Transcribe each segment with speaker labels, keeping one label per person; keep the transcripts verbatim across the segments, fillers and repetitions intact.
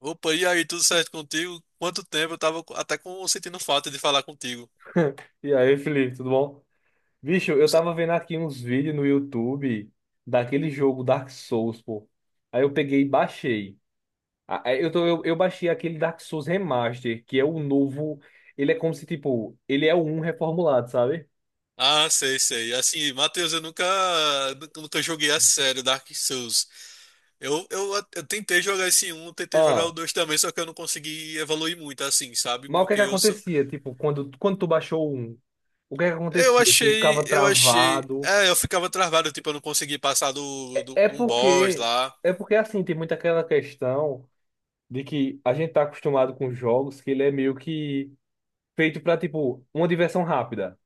Speaker 1: Opa, e aí, tudo certo contigo? Quanto tempo, eu tava até com, sentindo falta de falar contigo.
Speaker 2: E aí, Felipe, tudo bom? Bicho, eu
Speaker 1: Se-
Speaker 2: tava vendo aqui uns vídeos no YouTube daquele jogo Dark Souls, pô. Aí eu peguei e baixei. Ah, aí Eu, tô, eu, eu baixei aquele Dark Souls Remaster, que é o novo. Ele é como se, tipo, ele é o um reformulado, sabe?
Speaker 1: Ah, sei, sei. Assim, Matheus, eu nunca, nunca, nunca joguei a sério Dark Souls. Eu, eu, eu tentei jogar esse um, tentei jogar o
Speaker 2: Ah,
Speaker 1: dois também, só que eu não consegui evoluir muito, assim, sabe?
Speaker 2: mas o que é
Speaker 1: Porque
Speaker 2: que
Speaker 1: eu sou.
Speaker 2: acontecia? Tipo, quando, quando tu baixou o um, o que é que
Speaker 1: Eu
Speaker 2: acontecia? Tu
Speaker 1: achei,
Speaker 2: ficava
Speaker 1: eu achei.
Speaker 2: travado.
Speaker 1: É, eu ficava travado, tipo, eu não consegui passar do,
Speaker 2: É
Speaker 1: do, de
Speaker 2: é
Speaker 1: um boss
Speaker 2: porque,
Speaker 1: lá.
Speaker 2: é porque assim, tem muito aquela questão de que a gente tá acostumado com jogos que ele é meio que. Feito pra, tipo, uma diversão rápida.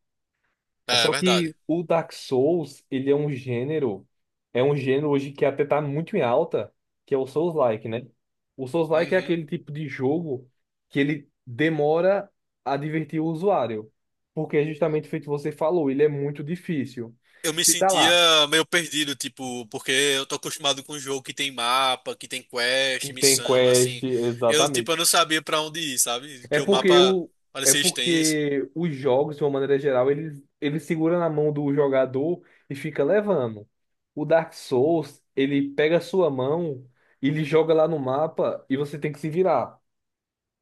Speaker 2: É.
Speaker 1: É, é
Speaker 2: Só
Speaker 1: verdade.
Speaker 2: que o Dark Souls, ele é um gênero, é um gênero hoje que até tá muito em alta, que é o Souls-like, né? O Souls-like é
Speaker 1: Uhum.
Speaker 2: aquele tipo de jogo que ele demora a divertir o usuário, porque é justamente feito o que você falou, ele é muito difícil.
Speaker 1: Eu me
Speaker 2: Se tá lá,
Speaker 1: sentia meio perdido, tipo, porque eu tô acostumado com um jogo que tem mapa, que tem quest,
Speaker 2: que tem
Speaker 1: missão,
Speaker 2: quest,
Speaker 1: assim. Eu,
Speaker 2: exatamente,
Speaker 1: tipo, eu não sabia pra onde ir, sabe?
Speaker 2: É
Speaker 1: Que o
Speaker 2: porque
Speaker 1: mapa
Speaker 2: o, é
Speaker 1: parecia extenso.
Speaker 2: porque os jogos, de uma maneira geral, ele, ele segura na mão do jogador e fica levando. O Dark Souls, ele pega a sua mão, ele joga lá no mapa e você tem que se virar.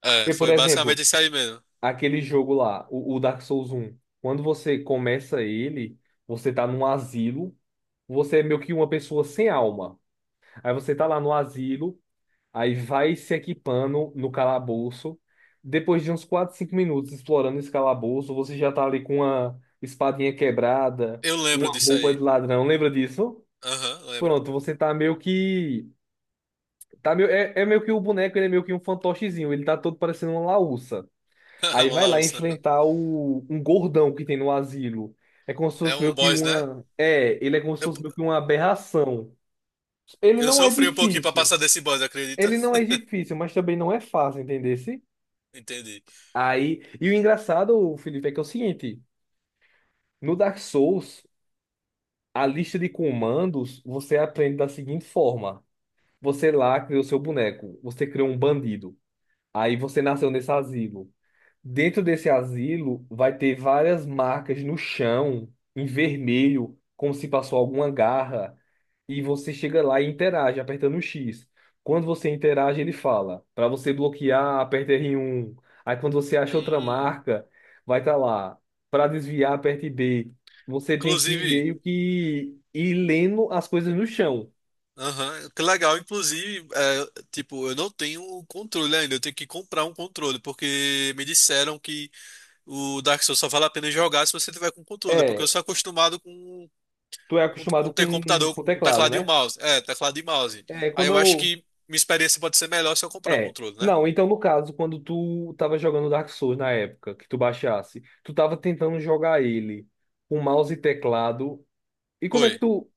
Speaker 1: É,
Speaker 2: Porque, por
Speaker 1: foi
Speaker 2: exemplo,
Speaker 1: basicamente isso aí mesmo.
Speaker 2: aquele jogo lá, o, o Dark Souls um, quando você começa ele, você tá num asilo, você é meio que uma pessoa sem alma. Aí você tá lá no asilo. Aí vai se equipando no calabouço. Depois de uns quatro, cinco minutos explorando esse calabouço, você já tá ali com uma espadinha quebrada,
Speaker 1: Eu lembro
Speaker 2: uma
Speaker 1: disso
Speaker 2: roupa
Speaker 1: aí.
Speaker 2: de ladrão. Lembra disso?
Speaker 1: Aham, lembro.
Speaker 2: Pronto, você tá meio que. Tá meio. É, é meio que o boneco, ele é meio que um fantochezinho. Ele tá todo parecendo uma laúça. Aí
Speaker 1: Uma
Speaker 2: vai lá
Speaker 1: laúça.
Speaker 2: enfrentar o... um gordão que tem no asilo. É como se
Speaker 1: É
Speaker 2: fosse
Speaker 1: um
Speaker 2: meio que
Speaker 1: boss, né?
Speaker 2: uma. É, ele é como se
Speaker 1: Eu,
Speaker 2: fosse meio que uma aberração. Ele
Speaker 1: eu
Speaker 2: não é
Speaker 1: sofri um pouquinho pra
Speaker 2: difícil.
Speaker 1: passar desse boss, acredita?
Speaker 2: Ele não é difícil, mas também não é fácil, entender?
Speaker 1: Entendi.
Speaker 2: Aí, e o engraçado, Felipe, é que é o seguinte, no Dark Souls, a lista de comandos você aprende da seguinte forma. Você lá cria o seu boneco, você cria um bandido. Aí você nasceu nesse asilo. Dentro desse asilo vai ter várias marcas no chão, em vermelho, como se passou alguma garra. E você chega lá e interage, apertando o X. Quando você interage, ele fala: para você bloquear, aperta R um. Aí quando você acha outra
Speaker 1: Hum,
Speaker 2: marca, vai estar lá: para desviar, aperte B. Você tem que ir
Speaker 1: inclusive.
Speaker 2: meio que ir lendo as coisas no chão.
Speaker 1: Aham, que legal. Inclusive, é, tipo, eu não tenho o controle ainda. Eu tenho que comprar um controle, porque me disseram que o Dark Souls só vale a pena jogar se você tiver com controle, porque eu
Speaker 2: É,
Speaker 1: sou acostumado com,
Speaker 2: tu é
Speaker 1: com,
Speaker 2: acostumado
Speaker 1: com ter
Speaker 2: com,
Speaker 1: computador
Speaker 2: com o
Speaker 1: com
Speaker 2: teclado,
Speaker 1: teclado e um
Speaker 2: né?
Speaker 1: mouse. É, teclado e mouse.
Speaker 2: É,
Speaker 1: Aí
Speaker 2: quando
Speaker 1: eu acho
Speaker 2: eu.
Speaker 1: que minha experiência pode ser melhor se eu comprar um
Speaker 2: É.
Speaker 1: controle, né?
Speaker 2: Não, então no caso, quando tu tava jogando Dark Souls na época, que tu baixasse, tu tava tentando jogar ele com mouse e teclado. E como é
Speaker 1: Foi.
Speaker 2: que tu.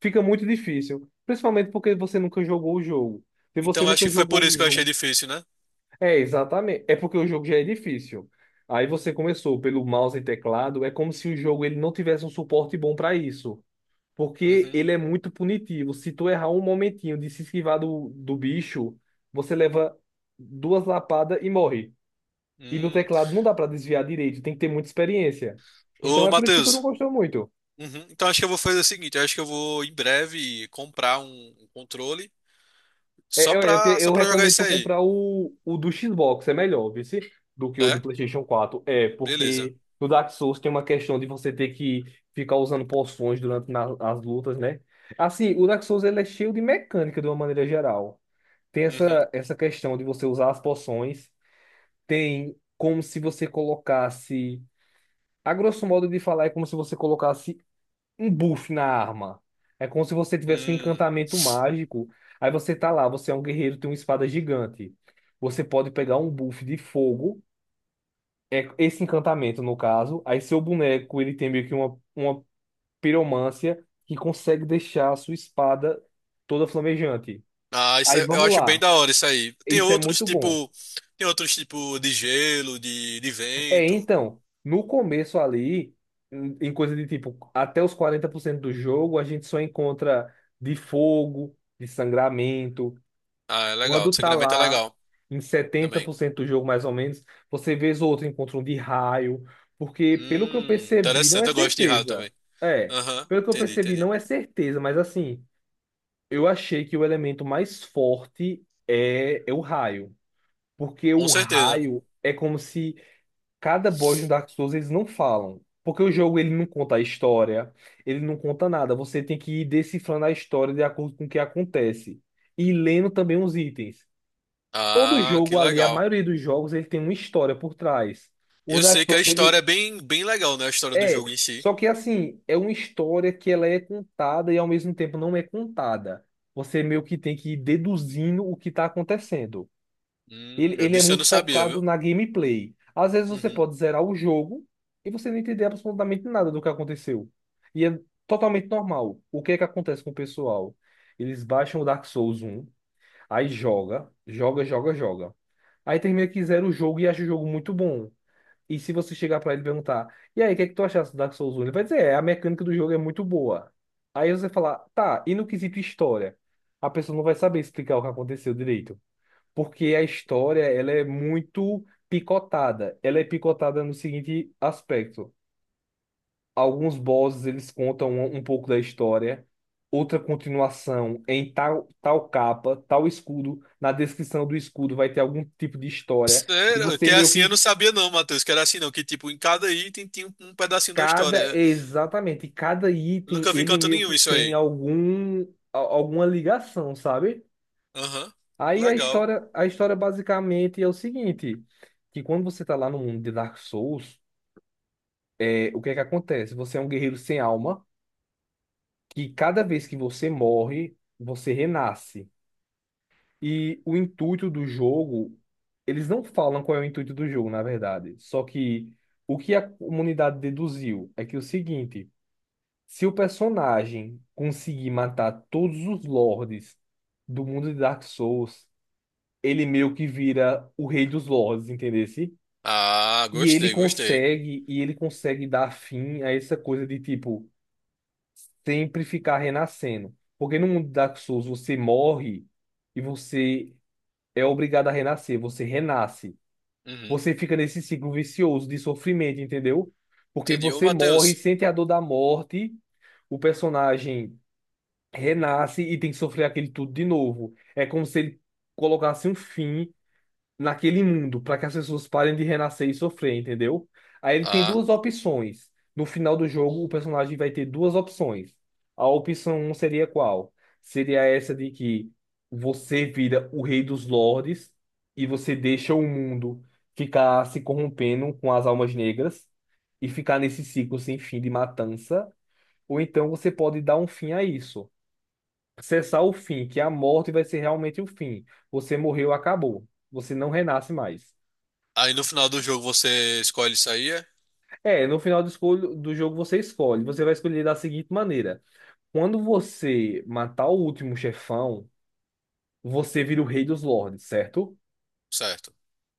Speaker 2: Fica muito difícil. Principalmente porque você nunca jogou o jogo. Se você
Speaker 1: Então acho
Speaker 2: nunca
Speaker 1: que foi por
Speaker 2: jogou o
Speaker 1: isso que eu achei
Speaker 2: jogo.
Speaker 1: difícil, né?
Speaker 2: É, exatamente. É porque o jogo já é difícil. Aí você começou pelo mouse e teclado, é como se o jogo ele não tivesse um suporte bom para isso. Porque
Speaker 1: Uhum.
Speaker 2: ele é muito punitivo. Se tu errar um momentinho de se esquivar do, do bicho, você leva duas lapadas e morre. E no
Speaker 1: Hum.
Speaker 2: teclado não dá pra desviar direito, tem que ter muita experiência. Então
Speaker 1: Ô,
Speaker 2: é por isso que tu não
Speaker 1: Matheus.
Speaker 2: gostou muito.
Speaker 1: Uhum. Então acho que eu vou fazer o seguinte, eu acho que eu vou em breve comprar um um controle só
Speaker 2: É, eu, eu, te-
Speaker 1: pra, só
Speaker 2: eu
Speaker 1: pra jogar
Speaker 2: recomendo
Speaker 1: isso
Speaker 2: tu
Speaker 1: aí.
Speaker 2: comprar o, o do Xbox, é melhor, viu? se- Do que o do
Speaker 1: É?
Speaker 2: PlayStation quatro. É,
Speaker 1: Beleza.
Speaker 2: porque no Dark Souls tem uma questão de você ter que ficar usando poções durante na- as lutas, né? Assim, o Dark Souls ele é cheio de mecânica de uma maneira geral. Tem
Speaker 1: Uhum.
Speaker 2: essa, essa questão de você usar as poções. Tem como se você colocasse. A grosso modo de falar, é como se você colocasse um buff na arma. É como se você tivesse um
Speaker 1: Hum.
Speaker 2: encantamento mágico. Aí você tá lá, você é um guerreiro, tem uma espada gigante. Você pode pegar um buff de fogo, é esse encantamento no caso. Aí seu boneco, ele tem meio que uma, uma piromância que consegue deixar a sua espada toda flamejante.
Speaker 1: Ah, isso
Speaker 2: Aí
Speaker 1: é- eu
Speaker 2: vamos
Speaker 1: acho bem
Speaker 2: lá.
Speaker 1: da hora isso aí. Tem
Speaker 2: Isso é
Speaker 1: outros
Speaker 2: muito bom.
Speaker 1: tipo, tem outros tipo de gelo, de, de
Speaker 2: É,
Speaker 1: vento.
Speaker 2: então, no começo ali, em em coisa de tipo, até os quarenta por cento do jogo, a gente só encontra de fogo, de sangramento.
Speaker 1: Ah, é legal.
Speaker 2: Quando tá
Speaker 1: Sangramento é
Speaker 2: lá
Speaker 1: legal
Speaker 2: em setenta
Speaker 1: também.
Speaker 2: por cento do jogo, mais ou menos, você vê o outro encontra um de raio. Porque, pelo que eu
Speaker 1: Hum,
Speaker 2: percebi, não
Speaker 1: interessante.
Speaker 2: é
Speaker 1: Eu gosto de raio
Speaker 2: certeza.
Speaker 1: também.
Speaker 2: É,
Speaker 1: Aham,
Speaker 2: pelo que eu
Speaker 1: entendi,
Speaker 2: percebi,
Speaker 1: entendi.
Speaker 2: não é certeza, mas assim, eu achei que o elemento mais forte é, é o raio. Porque
Speaker 1: Com
Speaker 2: o
Speaker 1: certeza.
Speaker 2: raio é como se. Cada boss no Dark Souls eles não falam. Porque o jogo ele não conta a história, ele não conta nada. Você tem que ir decifrando a história de acordo com o que acontece. E lendo também os itens. Todo
Speaker 1: Ah, que
Speaker 2: jogo ali, a
Speaker 1: legal.
Speaker 2: maioria dos jogos, ele tem uma história por trás. O
Speaker 1: Eu
Speaker 2: Dark
Speaker 1: sei que a
Speaker 2: Souls,
Speaker 1: história
Speaker 2: ele
Speaker 1: é bem, bem legal, né? A história do
Speaker 2: é.
Speaker 1: jogo em si.
Speaker 2: Só que assim, é uma história que ela é contada e ao mesmo tempo não é contada. Você meio que tem que ir deduzindo o que está acontecendo.
Speaker 1: Hum,
Speaker 2: Ele,
Speaker 1: eu
Speaker 2: ele é
Speaker 1: disse eu
Speaker 2: muito
Speaker 1: não sabia,
Speaker 2: focado
Speaker 1: viu?
Speaker 2: na gameplay. Às vezes você
Speaker 1: Uhum.
Speaker 2: pode zerar o jogo e você não entender absolutamente nada do que aconteceu. E é totalmente normal. O que é que acontece com o pessoal? Eles baixam o Dark Souls um, aí joga, joga, joga, joga. Aí termina que zera o jogo e acha o jogo muito bom. E se você chegar pra ele e perguntar, e aí, o que é que tu achaste do Dark Souls um? Ele vai dizer, é, a mecânica do jogo é muito boa. Aí você falar, tá, e no quesito história? A pessoa não vai saber explicar o que aconteceu direito porque a história ela é muito picotada. Ela é picotada no seguinte aspecto: alguns bosses eles contam um, um pouco da história, outra continuação em tal tal capa, tal escudo. Na descrição do escudo vai ter algum tipo de história e
Speaker 1: Sério?
Speaker 2: você
Speaker 1: Que é
Speaker 2: meio
Speaker 1: assim eu
Speaker 2: que
Speaker 1: não sabia não, Matheus. Que era assim não. Que tipo, em cada item tinha um um pedacinho da
Speaker 2: cada
Speaker 1: história.
Speaker 2: exatamente cada item
Speaker 1: Nunca vi em
Speaker 2: ele
Speaker 1: canto
Speaker 2: meio
Speaker 1: nenhum
Speaker 2: que
Speaker 1: isso
Speaker 2: tem
Speaker 1: aí.
Speaker 2: algum a- alguma ligação, sabe?
Speaker 1: Aham.
Speaker 2: Aí a
Speaker 1: Legal.
Speaker 2: história a história basicamente é o seguinte que quando você tá lá no mundo de Dark Souls, é, o que é que acontece? Você é um guerreiro sem alma, que cada vez que você morre, você renasce. E o intuito do jogo, eles não falam qual é o intuito do jogo, na verdade. Só que o que a comunidade deduziu é que é o seguinte, se o personagem conseguir matar todos os lords do mundo de Dark Souls, ele meio que vira o rei dos lords, entendesse?
Speaker 1: Ah,
Speaker 2: E ele
Speaker 1: gostei, gostei.
Speaker 2: consegue, e ele consegue dar fim a essa coisa de tipo sempre ficar renascendo. Porque no mundo Dark Souls você morre e você é obrigado a renascer, você renasce.
Speaker 1: Uhum.
Speaker 2: Você fica nesse ciclo vicioso de sofrimento, entendeu? Porque
Speaker 1: Entendi. Ô,
Speaker 2: você morre,
Speaker 1: Matheus.
Speaker 2: sente a dor da morte, o personagem renasce e tem que sofrer aquele tudo de novo. É como se ele colocasse um fim naquele mundo para que as pessoas parem de renascer e sofrer, entendeu? Aí ele tem
Speaker 1: Ah,
Speaker 2: duas opções. No final do jogo, o personagem vai ter duas opções. A opção um seria qual? Seria essa de que você vira o rei dos lordes e você deixa o mundo ficar se corrompendo com as almas negras e ficar nesse ciclo sem fim de matança. Ou então você pode dar um fim a isso. Cessar o fim, que é a morte vai ser realmente o fim. Você morreu, acabou. Você não renasce mais.
Speaker 1: aí no final do jogo você escolhe isso aí, é?
Speaker 2: É, no final do, escolho, do jogo você escolhe. Você vai escolher da seguinte maneira: quando você matar o último chefão, você vira o rei dos lords, certo?
Speaker 1: Certo.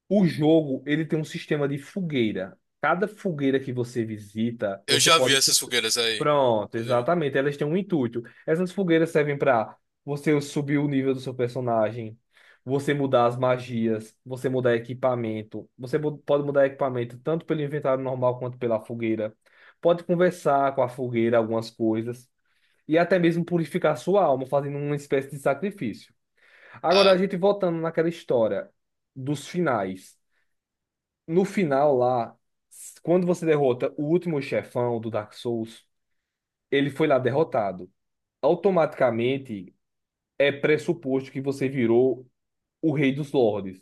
Speaker 2: O jogo, ele tem um sistema de fogueira. Cada fogueira que você visita,
Speaker 1: Eu
Speaker 2: você
Speaker 1: já vi
Speaker 2: pode... se-
Speaker 1: essas fogueiras aí,
Speaker 2: Pronto,
Speaker 1: inclusive.
Speaker 2: exatamente. Elas têm um intuito. Essas fogueiras servem para você subir o nível do seu personagem, você mudar as magias, você mudar equipamento. Você mu- pode mudar equipamento tanto pelo inventário normal quanto pela fogueira. Pode conversar com a fogueira algumas coisas. E até mesmo purificar sua alma, fazendo uma espécie de sacrifício. Agora, a
Speaker 1: Ah,
Speaker 2: gente voltando naquela história dos finais. No final lá, quando você derrota o último chefão do Dark Souls, ele foi lá derrotado. Automaticamente é pressuposto que você virou o Rei dos Lordes.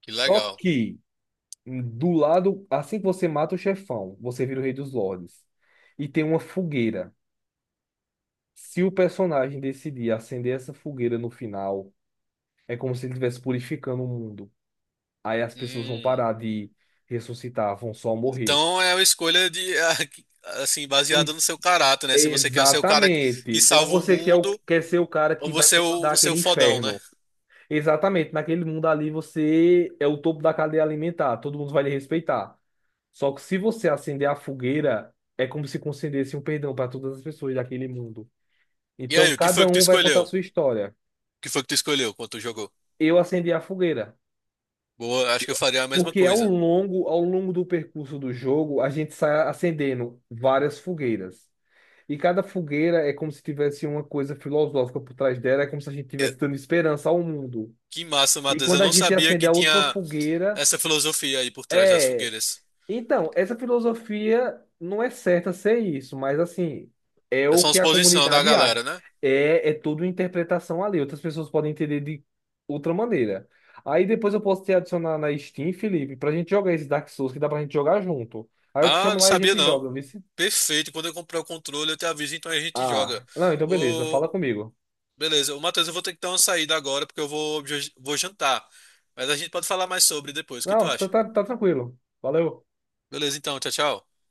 Speaker 1: que
Speaker 2: Só
Speaker 1: legal.
Speaker 2: que do lado, assim que você mata o chefão, você vira o Rei dos Lordes. E tem uma fogueira. Se o personagem decidir acender essa fogueira no final, é como se ele estivesse purificando o mundo. Aí as pessoas vão
Speaker 1: Hum.
Speaker 2: parar de ressuscitar, vão só morrer.
Speaker 1: Então é uma escolha de, assim,
Speaker 2: E
Speaker 1: baseada no seu caráter, né? Se você quer ser o cara que
Speaker 2: exatamente. Ou
Speaker 1: salva o
Speaker 2: você quer, o-
Speaker 1: mundo
Speaker 2: quer ser o cara
Speaker 1: ou
Speaker 2: que vai
Speaker 1: você é o,
Speaker 2: comandar
Speaker 1: você é o
Speaker 2: aquele
Speaker 1: fodão, né?
Speaker 2: inferno. Exatamente. Naquele mundo ali você é o topo da cadeia alimentar. Todo mundo vai lhe respeitar. Só que se você acender a fogueira, é como se concedesse um perdão para todas as pessoas daquele mundo.
Speaker 1: E
Speaker 2: Então
Speaker 1: aí, o que foi
Speaker 2: cada
Speaker 1: que tu
Speaker 2: um vai contar
Speaker 1: escolheu?
Speaker 2: a
Speaker 1: O
Speaker 2: sua história.
Speaker 1: que foi que tu escolheu quando tu jogou?
Speaker 2: Eu acendi a fogueira.
Speaker 1: Boa, acho que eu faria a mesma
Speaker 2: Porque ao
Speaker 1: coisa.
Speaker 2: longo, ao longo do percurso do jogo, a gente sai acendendo várias fogueiras. E cada fogueira é como se tivesse uma coisa filosófica por trás dela, é como se a gente estivesse dando esperança ao mundo.
Speaker 1: Que massa,
Speaker 2: E
Speaker 1: Matheus.
Speaker 2: quando
Speaker 1: Eu
Speaker 2: a
Speaker 1: não
Speaker 2: gente
Speaker 1: sabia
Speaker 2: acende
Speaker 1: que
Speaker 2: a última
Speaker 1: tinha
Speaker 2: fogueira,
Speaker 1: essa filosofia aí por trás das
Speaker 2: é.
Speaker 1: fogueiras.
Speaker 2: Então, essa filosofia não é certa ser isso, mas assim, é
Speaker 1: É
Speaker 2: o
Speaker 1: só uma
Speaker 2: que a
Speaker 1: exposição da
Speaker 2: comunidade
Speaker 1: galera,
Speaker 2: acha.
Speaker 1: né?
Speaker 2: É, é tudo interpretação ali. Outras pessoas podem entender de outra maneira. Aí depois eu posso te adicionar na Steam, Felipe, pra gente jogar esse Dark Souls que dá pra gente jogar junto. Aí eu te
Speaker 1: Ah,
Speaker 2: chamo
Speaker 1: não
Speaker 2: lá e a
Speaker 1: sabia
Speaker 2: gente
Speaker 1: não.
Speaker 2: joga, viu?
Speaker 1: Perfeito. Quando eu comprar o controle, eu te aviso, então a gente joga.
Speaker 2: Ah, não, então beleza,
Speaker 1: Ô,
Speaker 2: fala comigo.
Speaker 1: beleza. Ô, Matheus, eu vou ter que dar uma saída agora, porque eu vou, vou jantar. Mas a gente pode falar mais sobre depois. O que tu
Speaker 2: Não, tá,
Speaker 1: acha?
Speaker 2: tá, tá tranquilo. Valeu.
Speaker 1: Beleza, então. Tchau, tchau.